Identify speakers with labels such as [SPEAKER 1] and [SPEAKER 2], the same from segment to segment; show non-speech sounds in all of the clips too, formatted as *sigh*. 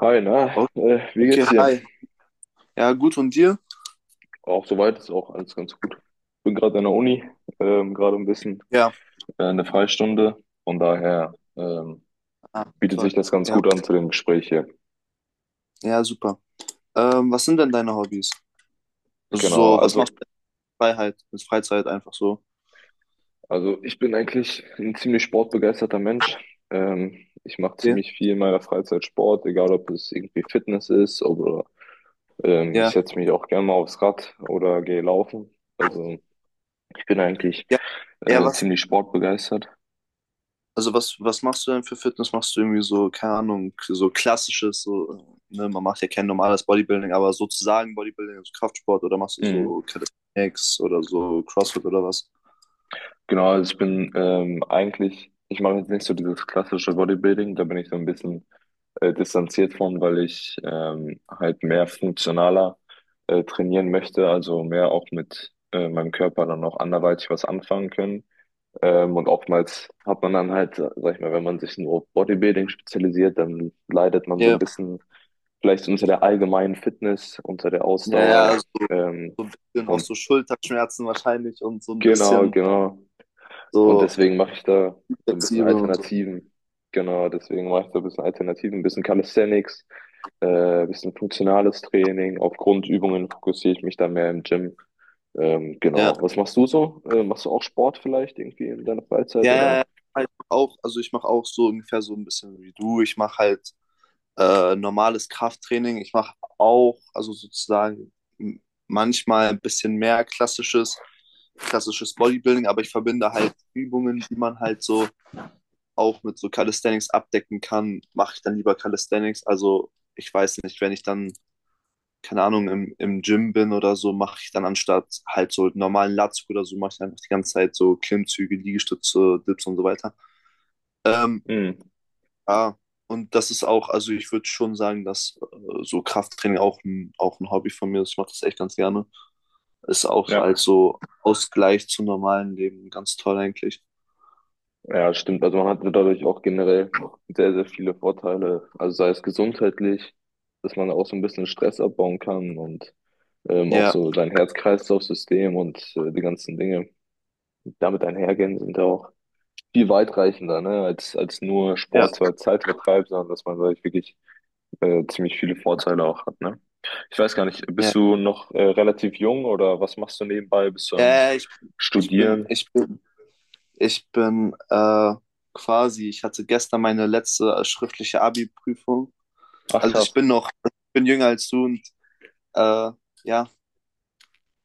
[SPEAKER 1] Hi, na,
[SPEAKER 2] O-
[SPEAKER 1] wie
[SPEAKER 2] Okay,
[SPEAKER 1] geht's dir?
[SPEAKER 2] hi. Ja, gut, und dir?
[SPEAKER 1] Auch soweit ist auch alles ganz gut. Bin gerade an der Uni, gerade ein bisschen
[SPEAKER 2] Ja,
[SPEAKER 1] eine Freistunde. Von daher
[SPEAKER 2] ah,
[SPEAKER 1] bietet
[SPEAKER 2] toll.
[SPEAKER 1] sich das ganz
[SPEAKER 2] Ja,
[SPEAKER 1] gut an zu dem Gespräch hier.
[SPEAKER 2] ja, super. Was sind denn deine Hobbys? Also
[SPEAKER 1] Genau,
[SPEAKER 2] so, was machst du in Freiheit, in Freizeit einfach so?
[SPEAKER 1] also ich bin eigentlich ein ziemlich sportbegeisterter Mensch. Ich mache
[SPEAKER 2] Ja,
[SPEAKER 1] ziemlich viel in meiner Freizeit Sport, egal ob es irgendwie Fitness ist oder ich
[SPEAKER 2] ja,
[SPEAKER 1] setze mich auch gerne mal aufs Rad oder gehe laufen. Also ich bin eigentlich
[SPEAKER 2] ja, ja, was?
[SPEAKER 1] ziemlich sportbegeistert.
[SPEAKER 2] Also was machst du denn für Fitness? Machst du irgendwie so, keine Ahnung, so klassisches, so, ne, man macht ja kein normales Bodybuilding, aber sozusagen Bodybuilding, also Kraftsport, oder machst du
[SPEAKER 1] Mhm.
[SPEAKER 2] so Calisthenics oder so CrossFit oder was?
[SPEAKER 1] Genau, also ich bin eigentlich, ich mache jetzt nicht so dieses klassische Bodybuilding, da bin ich so ein bisschen distanziert von, weil ich halt mehr funktionaler trainieren möchte, also mehr auch mit meinem Körper dann auch anderweitig was anfangen können. Und oftmals hat man dann halt, sag ich mal, wenn man sich nur auf Bodybuilding spezialisiert, dann leidet man so
[SPEAKER 2] Ja,
[SPEAKER 1] ein bisschen vielleicht unter der allgemeinen Fitness, unter der
[SPEAKER 2] ja, ja,
[SPEAKER 1] Ausdauer.
[SPEAKER 2] also
[SPEAKER 1] Ähm,
[SPEAKER 2] sind auch
[SPEAKER 1] und
[SPEAKER 2] so Schulterschmerzen wahrscheinlich und so ein
[SPEAKER 1] genau,
[SPEAKER 2] bisschen
[SPEAKER 1] genau. Und
[SPEAKER 2] so
[SPEAKER 1] deswegen mache ich da so ein bisschen
[SPEAKER 2] flexibel und so.
[SPEAKER 1] Alternativen. Genau, deswegen mache ich da ein bisschen Alternativen, ein bisschen Calisthenics, ein bisschen funktionales Training. Auf Grundübungen fokussiere ich mich da mehr im Gym.
[SPEAKER 2] Ja,
[SPEAKER 1] Genau. Was machst du so? Machst du auch Sport vielleicht irgendwie in deiner Freizeit
[SPEAKER 2] ja, ja,
[SPEAKER 1] oder?
[SPEAKER 2] ja. Ja, ich mach auch, also ich mache auch so ungefähr so ein bisschen wie du. Ich mache halt normales Krafttraining. Ich mache auch, also sozusagen manchmal ein bisschen mehr klassisches Bodybuilding, aber ich verbinde halt Übungen, die man halt so auch mit so Calisthenics abdecken kann, mache ich dann lieber Calisthenics. Also ich weiß nicht, wenn ich dann, keine Ahnung, im Gym bin oder so, mache ich dann anstatt halt so normalen Latzug oder so, mache ich einfach die ganze Zeit so Klimmzüge, Liegestütze, Dips und so weiter. Ähm,
[SPEAKER 1] Hm,
[SPEAKER 2] ja, und das ist auch, also ich würde schon sagen, dass so Krafttraining auch ein Hobby von mir ist. Ich mache das echt ganz gerne. Ist auch als
[SPEAKER 1] ja,
[SPEAKER 2] so Ausgleich zum normalen Leben ganz toll eigentlich.
[SPEAKER 1] ja, stimmt. Also man hat dadurch auch generell sehr, sehr viele Vorteile. Also sei es gesundheitlich, dass man auch so ein bisschen Stress abbauen kann und auch
[SPEAKER 2] Ja,
[SPEAKER 1] so sein Herz-Kreislauf-System und die ganzen Dinge damit einhergehen, sind ja auch viel weitreichender, ne, als, als nur
[SPEAKER 2] ja,
[SPEAKER 1] Sport so als Zeitvertreib, sondern dass man dadurch wirklich ziemlich viele Vorteile auch hat, ne? Ich weiß gar nicht, bist
[SPEAKER 2] ja.
[SPEAKER 1] du noch relativ jung oder was machst du nebenbei? Bist du
[SPEAKER 2] Ja,
[SPEAKER 1] am
[SPEAKER 2] ja, ja, ich bin,
[SPEAKER 1] Studieren?
[SPEAKER 2] ich bin, ich bin quasi, ich hatte gestern meine letzte schriftliche Abi-Prüfung.
[SPEAKER 1] Ach
[SPEAKER 2] Also ich
[SPEAKER 1] krass,
[SPEAKER 2] bin noch, ich bin jünger als du und äh, ja,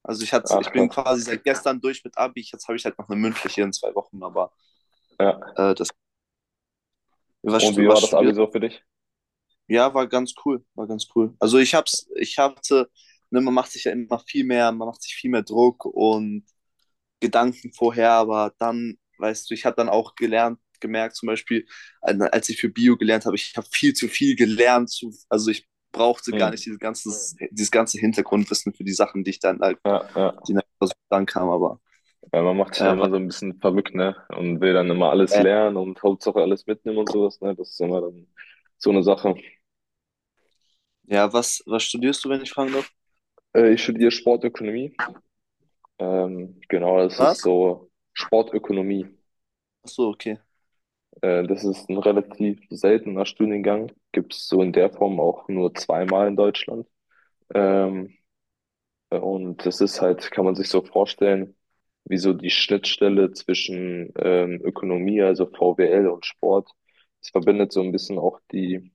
[SPEAKER 2] also ich hatte,
[SPEAKER 1] ach
[SPEAKER 2] ich bin
[SPEAKER 1] krass,
[SPEAKER 2] quasi seit gestern durch mit Abi. Jetzt habe ich halt noch eine mündliche in zwei Wochen, aber
[SPEAKER 1] ja.
[SPEAKER 2] Äh, das,
[SPEAKER 1] Und wie
[SPEAKER 2] was
[SPEAKER 1] war das Abi
[SPEAKER 2] studierst
[SPEAKER 1] so für dich?
[SPEAKER 2] du? Ja, war ganz cool, war ganz cool. Also ich hatte, ne, man macht sich ja immer viel mehr, man macht sich viel mehr Druck und Gedanken vorher, aber dann, weißt du, ich habe dann auch gemerkt, zum Beispiel, als ich für Bio gelernt habe, ich habe viel zu viel gelernt, zu, also ich brauchte gar
[SPEAKER 1] Hm.
[SPEAKER 2] nicht dieses ganze Hintergrundwissen für die Sachen, die ich dann halt,
[SPEAKER 1] Ja,
[SPEAKER 2] die
[SPEAKER 1] ja,
[SPEAKER 2] nach dann kam, aber
[SPEAKER 1] ja, man macht sich da
[SPEAKER 2] äh, was,
[SPEAKER 1] immer so ein bisschen verrückt, ne? Und will dann immer alles
[SPEAKER 2] äh,
[SPEAKER 1] lernen und Hauptsache alles mitnehmen und sowas, ne? Das ist immer dann so eine Sache.
[SPEAKER 2] ja, was studierst du, wenn ich fragen darf?
[SPEAKER 1] Ich studiere Sportökonomie. Genau, das ist
[SPEAKER 2] Was?
[SPEAKER 1] so Sportökonomie.
[SPEAKER 2] Achso, okay.
[SPEAKER 1] Das ist ein relativ seltener Studiengang. Gibt's so in der Form auch nur zweimal in Deutschland. Ähm, und das ist halt, kann man sich so vorstellen, wie so die Schnittstelle zwischen Ökonomie, also VWL und Sport. Es verbindet so ein bisschen auch die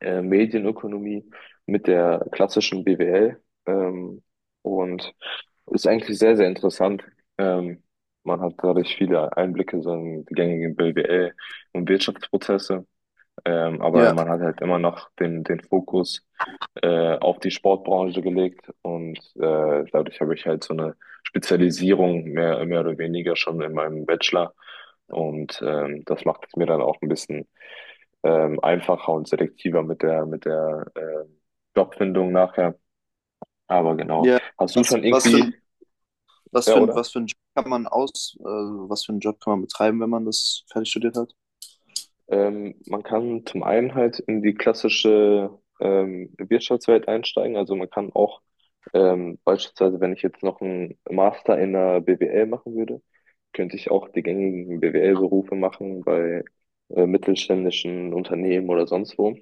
[SPEAKER 1] Medienökonomie mit der klassischen BWL, ähm, und ist eigentlich sehr, sehr interessant. Ähm, Man hat dadurch viele Einblicke so in die gängigen BWL und Wirtschaftsprozesse, aber
[SPEAKER 2] Ja,
[SPEAKER 1] man hat halt immer noch den, den Fokus auf die Sportbranche gelegt und dadurch habe ich halt so eine Spezialisierung mehr, mehr oder weniger schon in meinem Bachelor und das macht es mir dann auch ein bisschen einfacher und selektiver mit der Jobfindung nachher. Aber genau.
[SPEAKER 2] ja.
[SPEAKER 1] Hast du
[SPEAKER 2] Was,
[SPEAKER 1] schon
[SPEAKER 2] was
[SPEAKER 1] irgendwie,
[SPEAKER 2] für,
[SPEAKER 1] ja, oder?
[SPEAKER 2] was für ein Job kann man was für einen Job kann man betreiben, wenn man das fertig studiert hat?
[SPEAKER 1] Man kann zum einen halt in die klassische Wirtschaftswelt einsteigen. Also man kann auch beispielsweise, wenn ich jetzt noch einen Master in der BWL machen würde, könnte ich auch die gängigen BWL-Berufe machen bei mittelständischen Unternehmen oder sonst wo.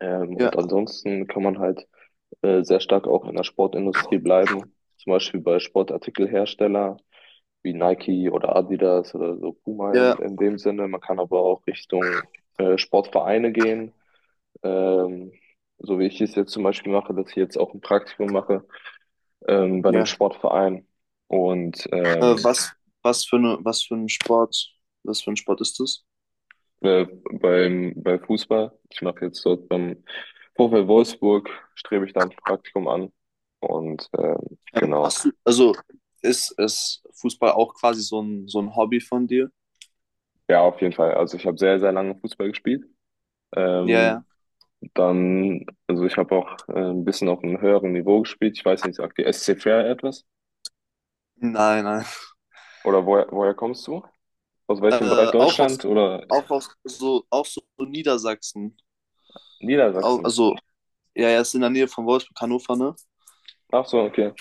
[SPEAKER 1] Und
[SPEAKER 2] Ja,
[SPEAKER 1] ansonsten kann man halt sehr stark auch in der Sportindustrie bleiben. Zum Beispiel bei Sportartikelhersteller wie Nike oder Adidas oder so Puma
[SPEAKER 2] ja,
[SPEAKER 1] in dem Sinne. Man kann aber auch Richtung Sportvereine gehen. Ähm, so wie ich es jetzt zum Beispiel mache, dass ich jetzt auch ein Praktikum mache bei einem
[SPEAKER 2] ja.
[SPEAKER 1] Sportverein und
[SPEAKER 2] Was, was für eine, was für ein Sport, was für ein Sport ist das?
[SPEAKER 1] äh, beim, bei Fußball. Ich mache jetzt dort beim VfL Wolfsburg, strebe ich da ein Praktikum an und genau.
[SPEAKER 2] Machst du, also ist Fußball auch quasi so ein Hobby von dir?
[SPEAKER 1] Ja, auf jeden Fall. Also ich habe sehr, sehr lange Fußball gespielt.
[SPEAKER 2] Ja, ja.
[SPEAKER 1] Ähm, Dann, also ich habe auch ein bisschen auf einem höheren Niveau gespielt. Ich weiß nicht, sagt die SC Fair etwas?
[SPEAKER 2] Nein, nein.
[SPEAKER 1] Oder woher, woher kommst du? Aus welchem Bereich
[SPEAKER 2] Äh, auch
[SPEAKER 1] Deutschland
[SPEAKER 2] aus,
[SPEAKER 1] oder
[SPEAKER 2] auch aus, so, auch so Niedersachsen. Au-
[SPEAKER 1] Niedersachsen?
[SPEAKER 2] also, ja, ja, ist in der Nähe von Wolfsburg, Hannover, ne?
[SPEAKER 1] Ach so, okay.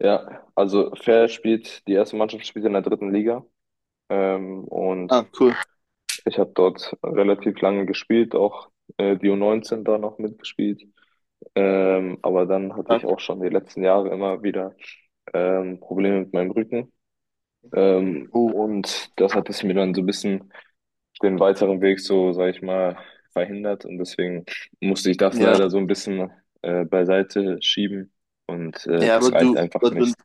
[SPEAKER 1] Ja, also Fair spielt, die erste Mannschaft spielt in der dritten Liga. Und
[SPEAKER 2] Ah, cool.
[SPEAKER 1] ich habe dort relativ lange gespielt, auch die U19 da noch mitgespielt. Aber dann hatte ich
[SPEAKER 2] Ja,
[SPEAKER 1] auch schon die letzten Jahre immer wieder Probleme mit meinem Rücken.
[SPEAKER 2] cool.
[SPEAKER 1] Und das hat es mir dann so ein bisschen den weiteren Weg so, sag ich mal, verhindert. Und deswegen musste ich das
[SPEAKER 2] Ja,
[SPEAKER 1] leider so ein bisschen beiseite schieben. Und
[SPEAKER 2] ja,
[SPEAKER 1] das reicht einfach
[SPEAKER 2] aber du,
[SPEAKER 1] nicht.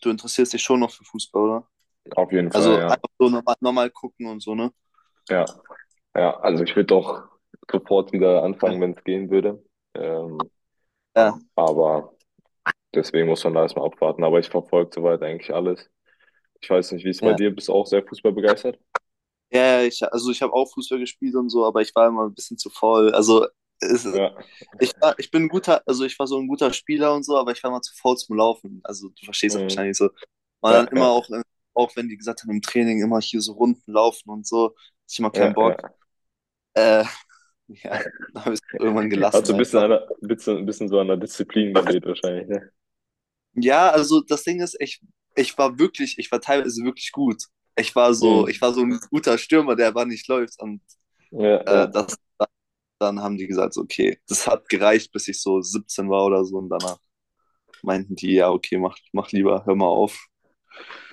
[SPEAKER 2] du interessierst dich schon noch für Fußball, oder?
[SPEAKER 1] Auf jeden Fall,
[SPEAKER 2] Also
[SPEAKER 1] ja.
[SPEAKER 2] einfach so nochmal nochmal gucken und so, ne?
[SPEAKER 1] Ja, ja. Also ich würde doch sofort wieder
[SPEAKER 2] Ja,
[SPEAKER 1] anfangen, wenn es gehen würde. Ähm,
[SPEAKER 2] ja.
[SPEAKER 1] aber deswegen muss man da erstmal abwarten. Aber ich verfolge soweit eigentlich alles. Ich weiß nicht, wie es bei
[SPEAKER 2] Ja,
[SPEAKER 1] dir bist, du auch sehr fußballbegeistert.
[SPEAKER 2] ja, ja, ich, also ich habe auch Fußball gespielt und so, aber ich war immer ein bisschen zu faul. Es,
[SPEAKER 1] Ja.
[SPEAKER 2] ich war, ich bin ein guter, also ich war so ein guter Spieler und so, aber ich war immer zu faul zum Laufen. Also du verstehst das
[SPEAKER 1] Mhm.
[SPEAKER 2] wahrscheinlich so. Und
[SPEAKER 1] Ja,
[SPEAKER 2] dann immer
[SPEAKER 1] ja,
[SPEAKER 2] auch, auch wenn die gesagt haben, im Training immer hier so Runden laufen und so, hatte ich immer keinen
[SPEAKER 1] ja,
[SPEAKER 2] Bock.
[SPEAKER 1] ja.
[SPEAKER 2] Äh, *laughs* ja, dann habe ich es irgendwann
[SPEAKER 1] *laughs* Hat
[SPEAKER 2] gelassen
[SPEAKER 1] so ein bisschen,
[SPEAKER 2] einfach.
[SPEAKER 1] an der, ein bisschen so an der Disziplin gefehlt wahrscheinlich, ne?
[SPEAKER 2] Ja, also das Ding ist, ich war wirklich, ich war teilweise wirklich gut.
[SPEAKER 1] Mhm.
[SPEAKER 2] Ich war so ein guter Stürmer, der aber nicht läuft. Und
[SPEAKER 1] Ja,
[SPEAKER 2] äh,
[SPEAKER 1] ja.
[SPEAKER 2] das, dann haben die gesagt, so, okay, das hat gereicht, bis ich so 17 war oder so. Und danach meinten die, ja, okay, mach, mach lieber, hör mal auf.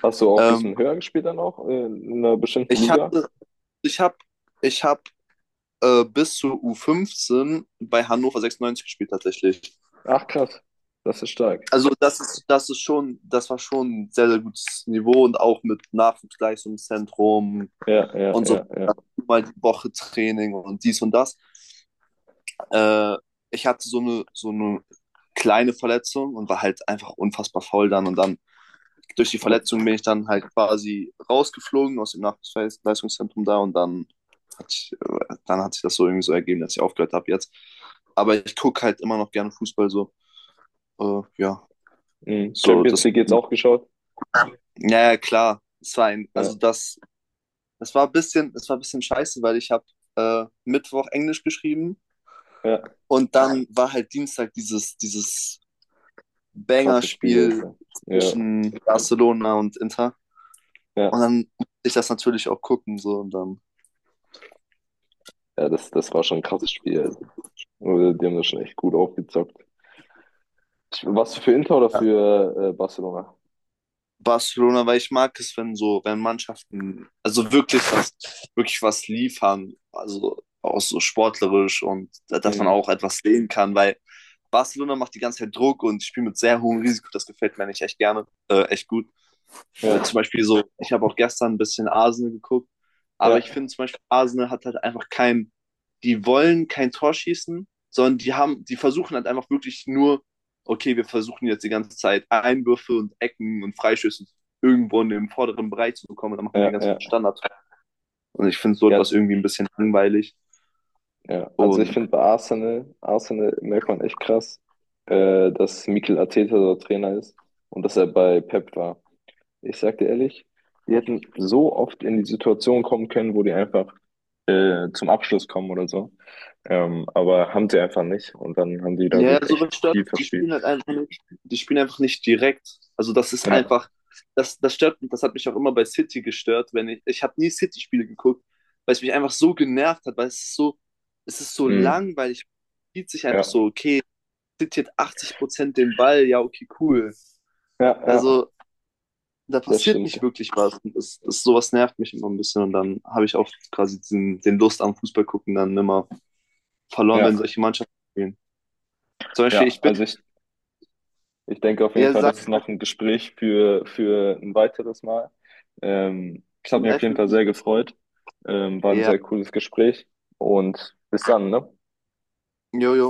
[SPEAKER 1] Hast du auch ein
[SPEAKER 2] Ähm,
[SPEAKER 1] bisschen höher gespielt dann auch in einer bestimmten
[SPEAKER 2] ich
[SPEAKER 1] Liga?
[SPEAKER 2] hatte, ich hab, ich hab Bis zur U15 bei Hannover 96 gespielt tatsächlich.
[SPEAKER 1] Ach krass, das ist stark.
[SPEAKER 2] Also das ist schon, das war schon ein sehr, sehr gutes Niveau und auch mit Nachwuchsleistungszentrum
[SPEAKER 1] Ja, ja,
[SPEAKER 2] und so
[SPEAKER 1] ja, ja.
[SPEAKER 2] mal die Woche Training und dies und das. Äh, Ich hatte so eine kleine Verletzung und war halt einfach unfassbar faul dann. Und dann durch die
[SPEAKER 1] Als,
[SPEAKER 2] Verletzung bin ich dann halt quasi rausgeflogen aus dem Nachwuchsleistungszentrum da. Und dann dann hat sich das so irgendwie so ergeben, dass ich aufgehört habe jetzt. Aber ich gucke halt immer noch gerne Fußball so. Ja,
[SPEAKER 1] mhm.
[SPEAKER 2] so
[SPEAKER 1] Champions
[SPEAKER 2] das.
[SPEAKER 1] League jetzt auch geschaut?
[SPEAKER 2] Naja, klar.
[SPEAKER 1] Ja,
[SPEAKER 2] Es war ein bisschen, es war ein bisschen scheiße, weil ich habe Mittwoch Englisch geschrieben.
[SPEAKER 1] ja.
[SPEAKER 2] Und dann war halt Dienstag dieses
[SPEAKER 1] Krasses Spiel,
[SPEAKER 2] Banger-Spiel
[SPEAKER 1] Alter. Ja,
[SPEAKER 2] zwischen Barcelona und Inter. Und
[SPEAKER 1] ja.
[SPEAKER 2] dann musste ich das natürlich auch gucken. So. Und dann
[SPEAKER 1] Ja, das, das war schon ein krasses Spiel, Alter. Die haben das schon echt gut aufgezockt. Ich- Warst du für Inter oder
[SPEAKER 2] ja.
[SPEAKER 1] für Barcelona?
[SPEAKER 2] Barcelona, weil ich mag es, wenn so, wenn Mannschaften, wirklich was liefern. Also auch so sportlerisch und dass man
[SPEAKER 1] Mhm.
[SPEAKER 2] auch etwas sehen kann, weil Barcelona macht die ganze Zeit Druck und spielt mit sehr hohem Risiko. Das gefällt mir nicht echt gerne, echt gut.
[SPEAKER 1] Ja,
[SPEAKER 2] Aber zum Beispiel so, ich habe auch gestern ein bisschen Arsenal geguckt, aber ich
[SPEAKER 1] ja,
[SPEAKER 2] finde zum Beispiel, Arsenal hat halt einfach kein, die wollen kein Tor schießen, sondern die versuchen halt einfach wirklich nur, okay, wir versuchen jetzt die ganze Zeit Einwürfe und Ecken und Freischüsse irgendwo in den vorderen Bereich zu bekommen und dann machen wir den
[SPEAKER 1] ja, ja,
[SPEAKER 2] ganzen Standard. Und ich finde so
[SPEAKER 1] ja,
[SPEAKER 2] etwas irgendwie ein bisschen langweilig.
[SPEAKER 1] ja. Also ich
[SPEAKER 2] Und
[SPEAKER 1] finde bei Arsenal, Arsenal merkt man echt krass, dass Mikel Arteta dort Trainer ist und dass er bei Pep war. Ich sag dir ehrlich, die hätten so oft in die Situation kommen können, wo die einfach zum Abschluss kommen oder so. Aber haben sie einfach nicht und dann haben die
[SPEAKER 2] ja, ja,
[SPEAKER 1] dadurch
[SPEAKER 2] sowas
[SPEAKER 1] echt
[SPEAKER 2] stört
[SPEAKER 1] viel
[SPEAKER 2] mich. Die
[SPEAKER 1] verspielt.
[SPEAKER 2] spielen halt einfach nicht, die spielen einfach nicht direkt.
[SPEAKER 1] Ja,
[SPEAKER 2] Das stört mich, das hat mich auch immer bei City gestört, wenn ich, ich habe nie City-Spiele geguckt, weil es mich einfach so genervt hat, weil es ist so
[SPEAKER 1] mhm.
[SPEAKER 2] langweilig, spielt sich einfach
[SPEAKER 1] Ja,
[SPEAKER 2] so, okay, City hat 80% den Ball, ja, okay, cool.
[SPEAKER 1] ja, ja,
[SPEAKER 2] Also da
[SPEAKER 1] das
[SPEAKER 2] passiert
[SPEAKER 1] stimmt.
[SPEAKER 2] nicht wirklich was. Und sowas nervt mich immer ein bisschen und dann habe ich auch quasi den Lust am Fußball gucken dann immer verloren, wenn
[SPEAKER 1] Ja,
[SPEAKER 2] solche Mannschaften spielen. Zum Beispiel,
[SPEAKER 1] ja,
[SPEAKER 2] ich bin,
[SPEAKER 1] also ich Ich denke auf jeden
[SPEAKER 2] ja,
[SPEAKER 1] Fall,
[SPEAKER 2] sag,
[SPEAKER 1] das ist
[SPEAKER 2] ich
[SPEAKER 1] noch ein Gespräch für ein weiteres Mal. Ich habe
[SPEAKER 2] bin
[SPEAKER 1] mich auf
[SPEAKER 2] elf.
[SPEAKER 1] jeden Fall sehr gefreut. War ein
[SPEAKER 2] Ja,
[SPEAKER 1] sehr cooles Gespräch und bis dann, ne?
[SPEAKER 2] Jojo.